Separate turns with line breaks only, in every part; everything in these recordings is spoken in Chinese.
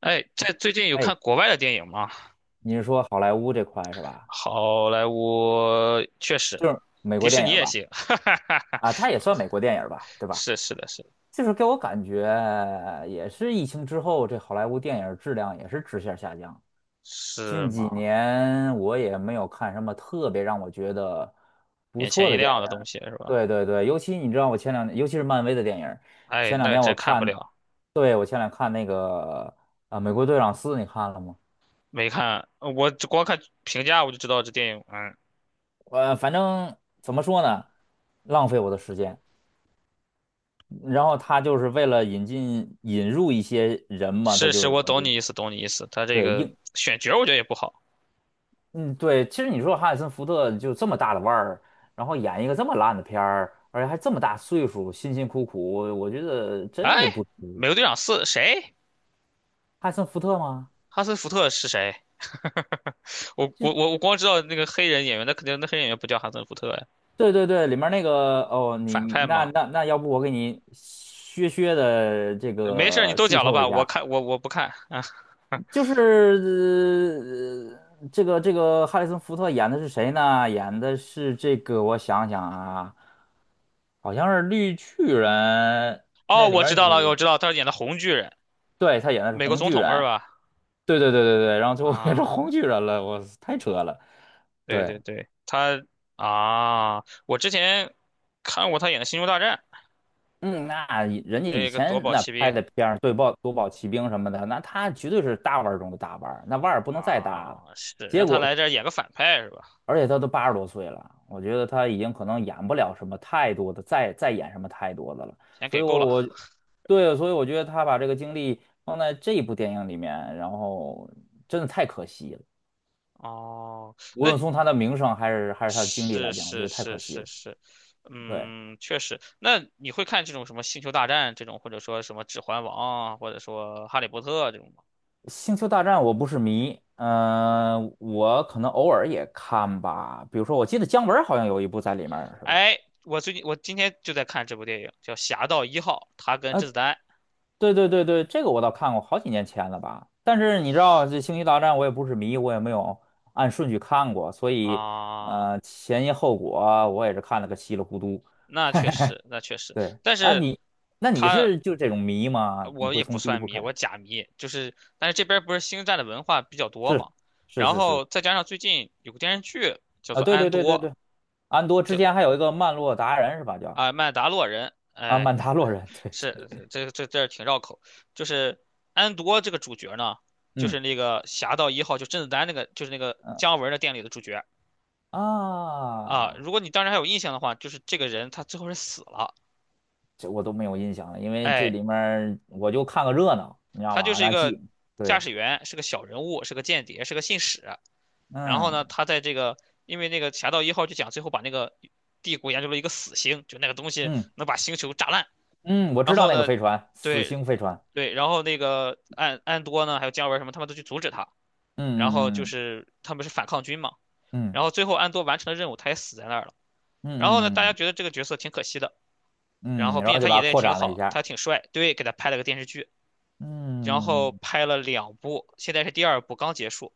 哎，在最近有
哎，
看国外的电影吗？
你是说好莱坞这块是吧？
好莱坞确实，
就是美
迪
国
士
电
尼
影儿
也
吧？
行，哈哈哈哈，
啊，它也算美国电影儿吧，对吧？
是是的是。
就是给我感觉，也是疫情之后，这好莱坞电影儿质量也是直线下降。
是
近几
吗？
年我也没有看什么特别让我觉得不
眼
错
前一
的电
亮
影
的东
儿。
西是吧？
对对对，尤其你知道，我前两年，尤其是漫威的电影儿。
哎，
前两
那
天我
真看不
看，
了，
对，我前两天看那个美国队长四》，你看了吗？
没看，我光看评价我就知道这电影，嗯，
反正怎么说呢，浪费我的时间。然后他就是为了引进引入一些人嘛，他
是
就
是，
是
我
我
懂
觉
你意
得。
思，懂你意思。他这
对。
个
硬。
选角我觉得也不好。
嗯，对，其实你说哈里森福特就这么大的腕儿，然后演一个这么烂的片儿，而且还这么大岁数，辛辛苦苦，我觉得
哎，
真是不
美国队
值。
长四谁？
哈里森福特吗？
哈森福特是谁？我光知道那个黑人演员，那肯定那黑人演员不叫哈森福特呀，
对对对，里面那个。哦，你
反
你
派
那
嘛。
那那要不我给你削的这
没事儿，你
个
都
剧
讲了
透
吧？
一
我
下。
看我不看啊。
就是这个哈里森福特演的是谁呢？演的是这个，我想想啊，好像是绿巨人。
哦，
那里
我知
面
道了，我知
女，
道，他演的红巨人，
对，她演的是
美国
红
总
巨
统是
人，
吧？
对对对对对，然后最后变成
啊，
红巨人了，我太扯了，
对
对。
对对，他啊，我之前看过他演的《星球大战》，
嗯，那以人家
有
以
一个夺
前
宝
那
奇
拍
兵
的片儿，对豹夺宝奇兵什么的，那他绝对是大腕儿中的大腕儿，那腕儿不能再大
啊，
了。
是
结
让他
果，
来这儿演个反派是吧？
而且他都80多岁了，我觉得他已经可能演不了什么太多的，再演什么太多的了。
钱
所
给
以
够
我，
了
我对，所以我觉得他把这个精力放在这一部电影里面，然后真的太可惜了。
哦，
无
那
论从他
你
的名声还是他的经历
是
来讲，我觉
是
得太
是
可惜
是
了。
是，
对，
嗯，确实。那你会看这种什么《星球大战》这种，或者说什么《指环王》啊，或者说《哈利波特》这种吗？
《星球大战》我不是迷，嗯、我可能偶尔也看吧。比如说，我记得姜文好像有一部在里面儿是吧？
哎，我最近我今天就在看这部电影，叫《侠盗一号》，他跟甄子丹
对对对对，这个我倒看过，好几年前了吧。但是你知道，这《星球大战》我也不是迷，我也没有按顺序看过，所以
啊，
前因后果啊我也是看了个稀里糊涂。
那确实，那确实，
对，
但
啊，
是
你，那你
他
是就这种迷吗？你
我
会
也不
从第一
算
部
迷，
开
我
始？
假迷，就是但是这边儿不是星战的文化比较多
是
嘛，
是
然
是是，
后再加上最近有个电视剧叫
啊，
做
对
《安
对对对
多》，
对，安多之
就
前还有一个曼洛达人是吧？叫，
啊《曼达洛人》，
啊，
哎，
曼达洛人，对对，
是这挺绕口，就是安多这个主角呢，就
嗯
是那个《侠盗一号》，就甄子丹那个，就是那个
嗯，
姜文的电影里的主角。啊，
啊，
如果你当时还有印象的话，就是这个人他最后是死了，
这我都没有印象了，因为这
哎，
里面儿我就看个热闹，你知道
他就
吗？
是一
那
个
记。
驾
对。
驶员，是个小人物，是个间谍，是个信使。然后
嗯
呢，他在这个因为那个《侠盗一号》就讲最后把那个帝国研究了一个死星，就那个东西
嗯
能把星球炸烂。
嗯，我
然
知道
后
那个
呢，
飞船，死
对
星飞船。
对，然后那个安多呢，还有姜文什么，他们都去阻止他。然后
嗯
就
嗯
是他们是反抗军嘛。然
嗯
后最后安多完成了任务，他也死在那儿了。然后呢，
嗯
大家
嗯嗯
觉得这个角色挺可惜的。然
嗯，嗯，
后
然
并且
后
他
就把
演的
它
也
扩
挺
展了一
好，他
下。
挺帅，对，给他拍了个电视剧，然后
嗯，
拍了两部，现在是第二部刚结束，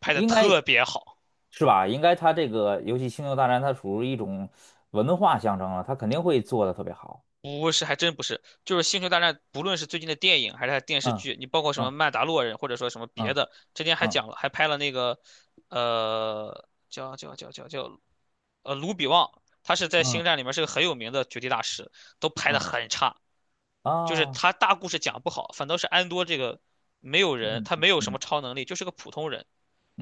拍的
应该
特别好。
是吧？应该它这个游戏《星球大战》，它属于一种文化象征了，它肯定会做的特别好。
不是，还真不是。就是《星球大战》，不论是最近的电影还是它电视
嗯
剧，你包括什么
嗯
《曼达洛人》或者说什么别
嗯
的，之前还
嗯
讲了，还拍了那个，叫，卢比旺，他是在
嗯
《星
嗯
战》里面是个很有名的绝地大师，都拍的
嗯，
很差。就是
啊，
他大故事讲不好，反倒是安多这个没有人，
嗯
他
嗯
没有什么
嗯
超能力，就是个普通人，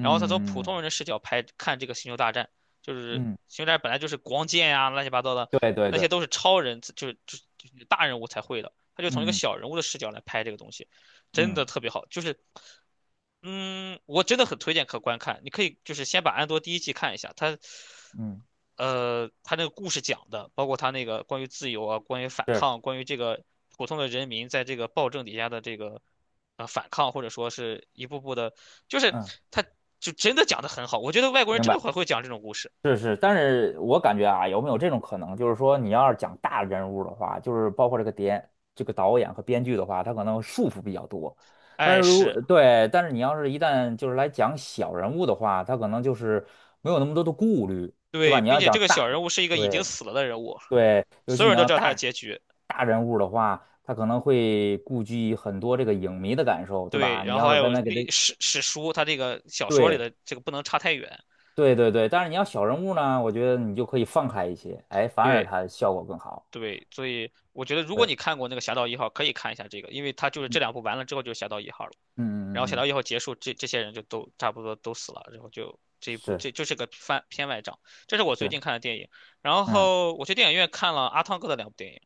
然后他从普通
嗯
人的视角拍看这个星球大战，就是
嗯嗯，
星球大战本来就是光剑呀、乱七八糟的，
对对
那
对，
些都是超人，就是大人物才会的，他就从一个
嗯嗯
小人物的视角来拍这个东西，真
嗯
的特别好。就是嗯，我真的很推荐可观看，你可以就是先把《安多》第一季看一下，它，
嗯，
它那个故事讲的，包括它那个关于自由啊，关于反
是，
抗，关于这个普通的人民在这个暴政底下的这个，反抗或者说是一步步的，就是
嗯，
它就真的讲的很好，我觉得外国人
明
真的
白。
很会讲这种故事，
是是，但是我感觉啊，有没有这种可能，就是说你要是讲大人物的话，就是包括这个编、这个导演和编剧的话，他可能束缚比较多。但
哎，
是如
是
对，但是你要是一旦就是来讲小人物的话，他可能就是没有那么多的顾虑，对吧？
对，
你
并
要
且这
讲
个小
大，
人物是一个已经
对
死了的人物，
对，尤
所
其
有
你
人都
要
知道他的
大
结局，
大人物的话，他可能会顾及很多这个影迷的感受，对
对，
吧？你
然后
要是
还
问
有
他给他。
历史史书，他这个小说里
对。
的这个不能差太远。
对对对，但是你要小人物呢，我觉得你就可以放开一些，哎，反而
对，
它效果更好。
对，所以我觉得如
对，
果
嗯
你看过那个《侠盗一号》，可以看一下这个，因为它就是这两部完了之后就是《侠盗一号》了，然
嗯
后
嗯
《侠盗
嗯，
一号》结束，这些人就都差不多都死了，然后就这一部
是
这就是个翻片外账。这是我最
是，
近看的电影，然
嗯，
后我去电影院看了阿汤哥的两部电影，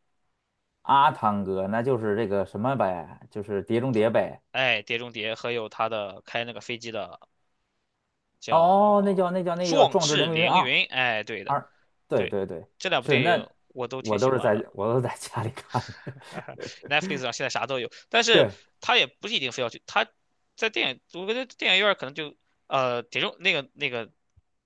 阿汤哥那就是这个什么呗，就是《碟中谍》呗。
哎，《碟中谍》和有他的开那个飞机的
哦，
叫
那叫，那叫那个
《壮
《壮志
志
凌云》
凌
啊，
云》，哎，对的，
二，对
对，
对对，
这两部
是。
电
那
影我都挺
我
喜
都是
欢
在，
的。
我都是在家里看的。
Netflix 上现在啥都有，但是
对，
他也不是一定非要去，他在电影，我觉得电影院儿可能就铁中那个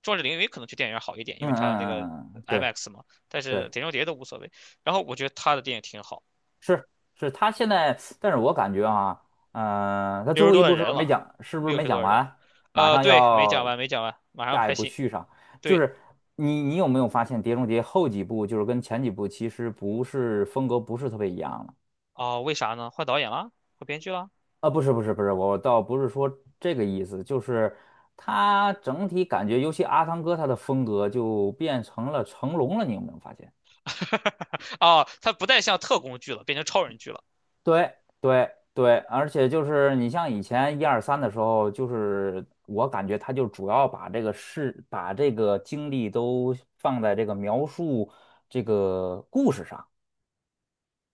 壮志凌云可能去电影院好一点，因
嗯
为他那
嗯
个
嗯嗯，嗯，对
IMAX 嘛，但是
对。
碟中谍都无所谓。然后我觉得他的电影挺好，
是是，他现在，但是我感觉啊，嗯、他
六
最
十
后一
多的
步是不
人
是没
了，
讲？是不是
六
没
十多
讲
的人了
完？马上
对，没讲
要
完，没讲完，马上要
下一
拍
步
戏，
续上，就
对，
是你有没有发现《碟中谍》后几部就是跟前几部其实不是风格不是特别一样了？
哦，为啥呢？换导演了，换编剧哈，
啊，不是，我倒不是说这个意思，就是他整体感觉，尤其阿汤哥他的风格就变成了成龙了，你有没有发现？
哦，他不再像特工剧了，变成超人剧了。
对对对，而且就是你像以前1、2、3的时候，就是我感觉他就主要把这个事、把这个精力都放在这个描述这个故事上，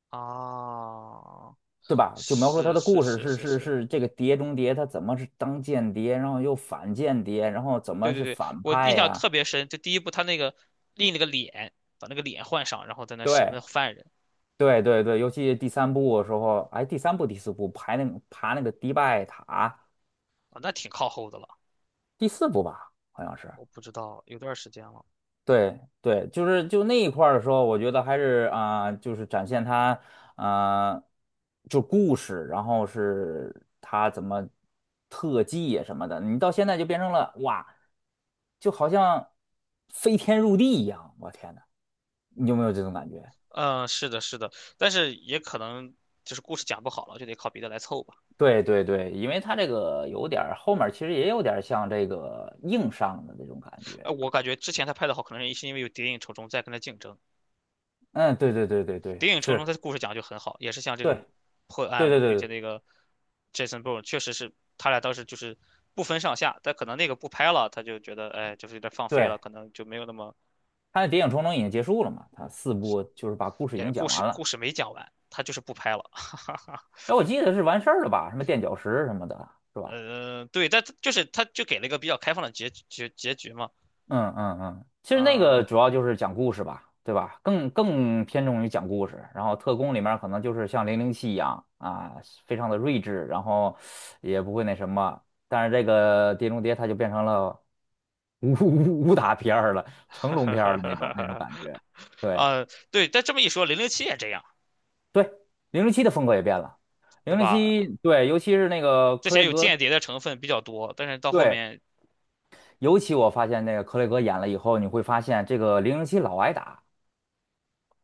啊，
对吧？就描述他
是
的
是
故事。
是
是
是
是
是，
是，这个碟中谍，他怎么是当间谍，然后又反间谍，然后怎
对
么
对
是
对，
反
我印
派
象
呀？
特别深，就第一部他那个立那个脸，把那个脸换上，然后在那审
对
问犯人
对对对，尤其第三部的时候，哎，第三部第四部排那个爬那个迪拜塔，
啊，那挺靠后的了。
第四部吧，好像是。
我不知道，有段时间了。
对对，就是就那一块儿的时候，我觉得还是啊、就是展现他啊、就故事，然后是他怎么特技啊什么的，你到现在就变成了哇，就好像飞天入地一样，我天呐，你有没有这种感觉？
嗯，是的，是的，但是也可能就是故事讲不好了，就得靠别的来凑吧。
对对对，因为他这个有点儿后面儿其实也有点儿像这个硬上的那种感觉，
我感觉之前他拍的好，可能是因为有《谍影重重》在跟他竞争，
嗯，对对对对对，
《谍影重重》他
是，
的故事讲得就很好，也是像这种破案
对
嘛，
对
并
对
且
对。
那个 Jason Bourne 确实是他俩当时就是不分上下，但可能那个不拍了，他就觉得哎，就是有点放飞了，
对
可能就没有那么
他的《谍影重重》已经结束了嘛，他四部就是把故事已
也
经
故
讲
事
完
故
了。
事没讲完，他就是不拍了。
哎，我记得是完事儿了吧？什么垫脚石什么的，是吧？
对，但就是他就给了一个比较开放的结局嘛。
嗯嗯嗯，其实那
嗯，
个主要就是讲故事吧，对吧？更更偏重于讲故事。然后特工里面可能就是像零零七一样啊，非常的睿智，然后也不会那什么。但是这个《碟中谍》它就变成了 武打片儿了，成
哈
龙
哈
片儿
哈
的
哈
那种那种
哈
感觉。对。
啊，对，但这么一说，零零七也这样，
对，零零七的风格也变了。
对
零零
吧？
七，对，尤其是那个
之
克
前
雷
有
格，
间谍的成分比较多，但是到后
对，
面
尤其我发现那个克雷格演了以后，你会发现这个零零七老挨打，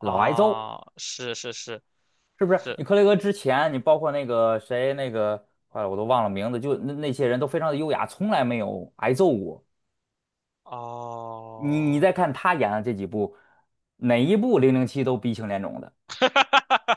老挨揍，
是是是
是不是？
是，
你克雷格之前，你包括那个谁，那个，坏了，我都忘了名字，就那那些人都非常的优雅，从来没有挨揍过。你你
哦，
再看他演的这几部，哪一部零零七都鼻青脸肿的。
哈哈哈哈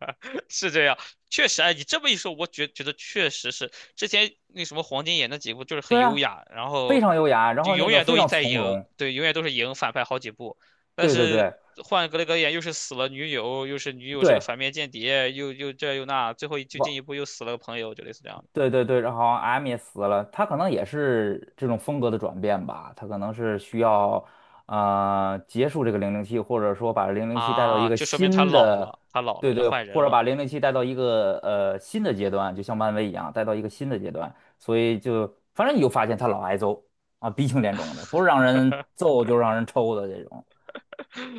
哈！是这样，确实，哎，你这么一说，我觉得确实是之前那什么黄金眼那几部就是很
对
优
啊，
雅，然
非
后
常优雅，然
就
后那
永
个
远
非
都
常
在
从
赢，
容。
对，永远都是赢反派好几部，但
对对
是
对
换格雷格演又是死了女友，又是女友是个
对。
反面间谍，又又这又那，最后就进一
我。
步又死了个朋友，就类似这样的
对对对，然后好像 M 也死了，他可能也是这种风格的转变吧，他可能是需要，呃，结束这个零零七，或者说把零零七带到一
啊，
个
就说明他
新
老
的，
了，他老
对
了要
对，
换
或
人
者
了。
把零零七带到一个，呃，新的阶段，就像漫威一样，带到一个新的阶段，所以就反正你就发现他老挨揍啊，鼻青脸肿的，不是让人揍就是让人抽的这种。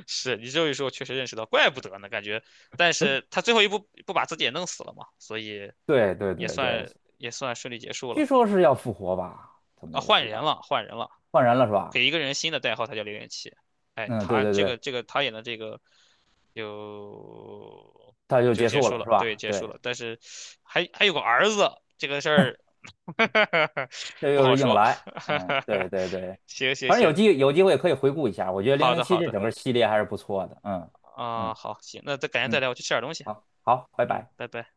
是你这一说，确实认识到，怪不得呢，感觉。但是他最后一步不把自己也弄死了嘛，所以
对对
也
对对，
算也算顺利结束
据
了
说是要复活吧，怎么
啊，
也
换
是
人
要
了，换人了，
换人了是吧？
给一个人新的代号，他叫零零七。哎，
嗯，对
他
对
这个
对，
这个他演的这个就
他就
就
结
结
束
束
了
了，
是
对，
吧？
结束
对。
了。但是还有个儿子，这个事儿
这
不
又
好
是硬
说。
来，嗯，对对对，
行行
反正
行，
有机会可以回顾一下，我觉得《零
好
零
的
七》
好
这
的
整个系列还是不错的，嗯
啊，
嗯
好行，那再改天再
嗯，
聊，我去吃点东西。
好，好，拜
嗯，
拜。
拜拜。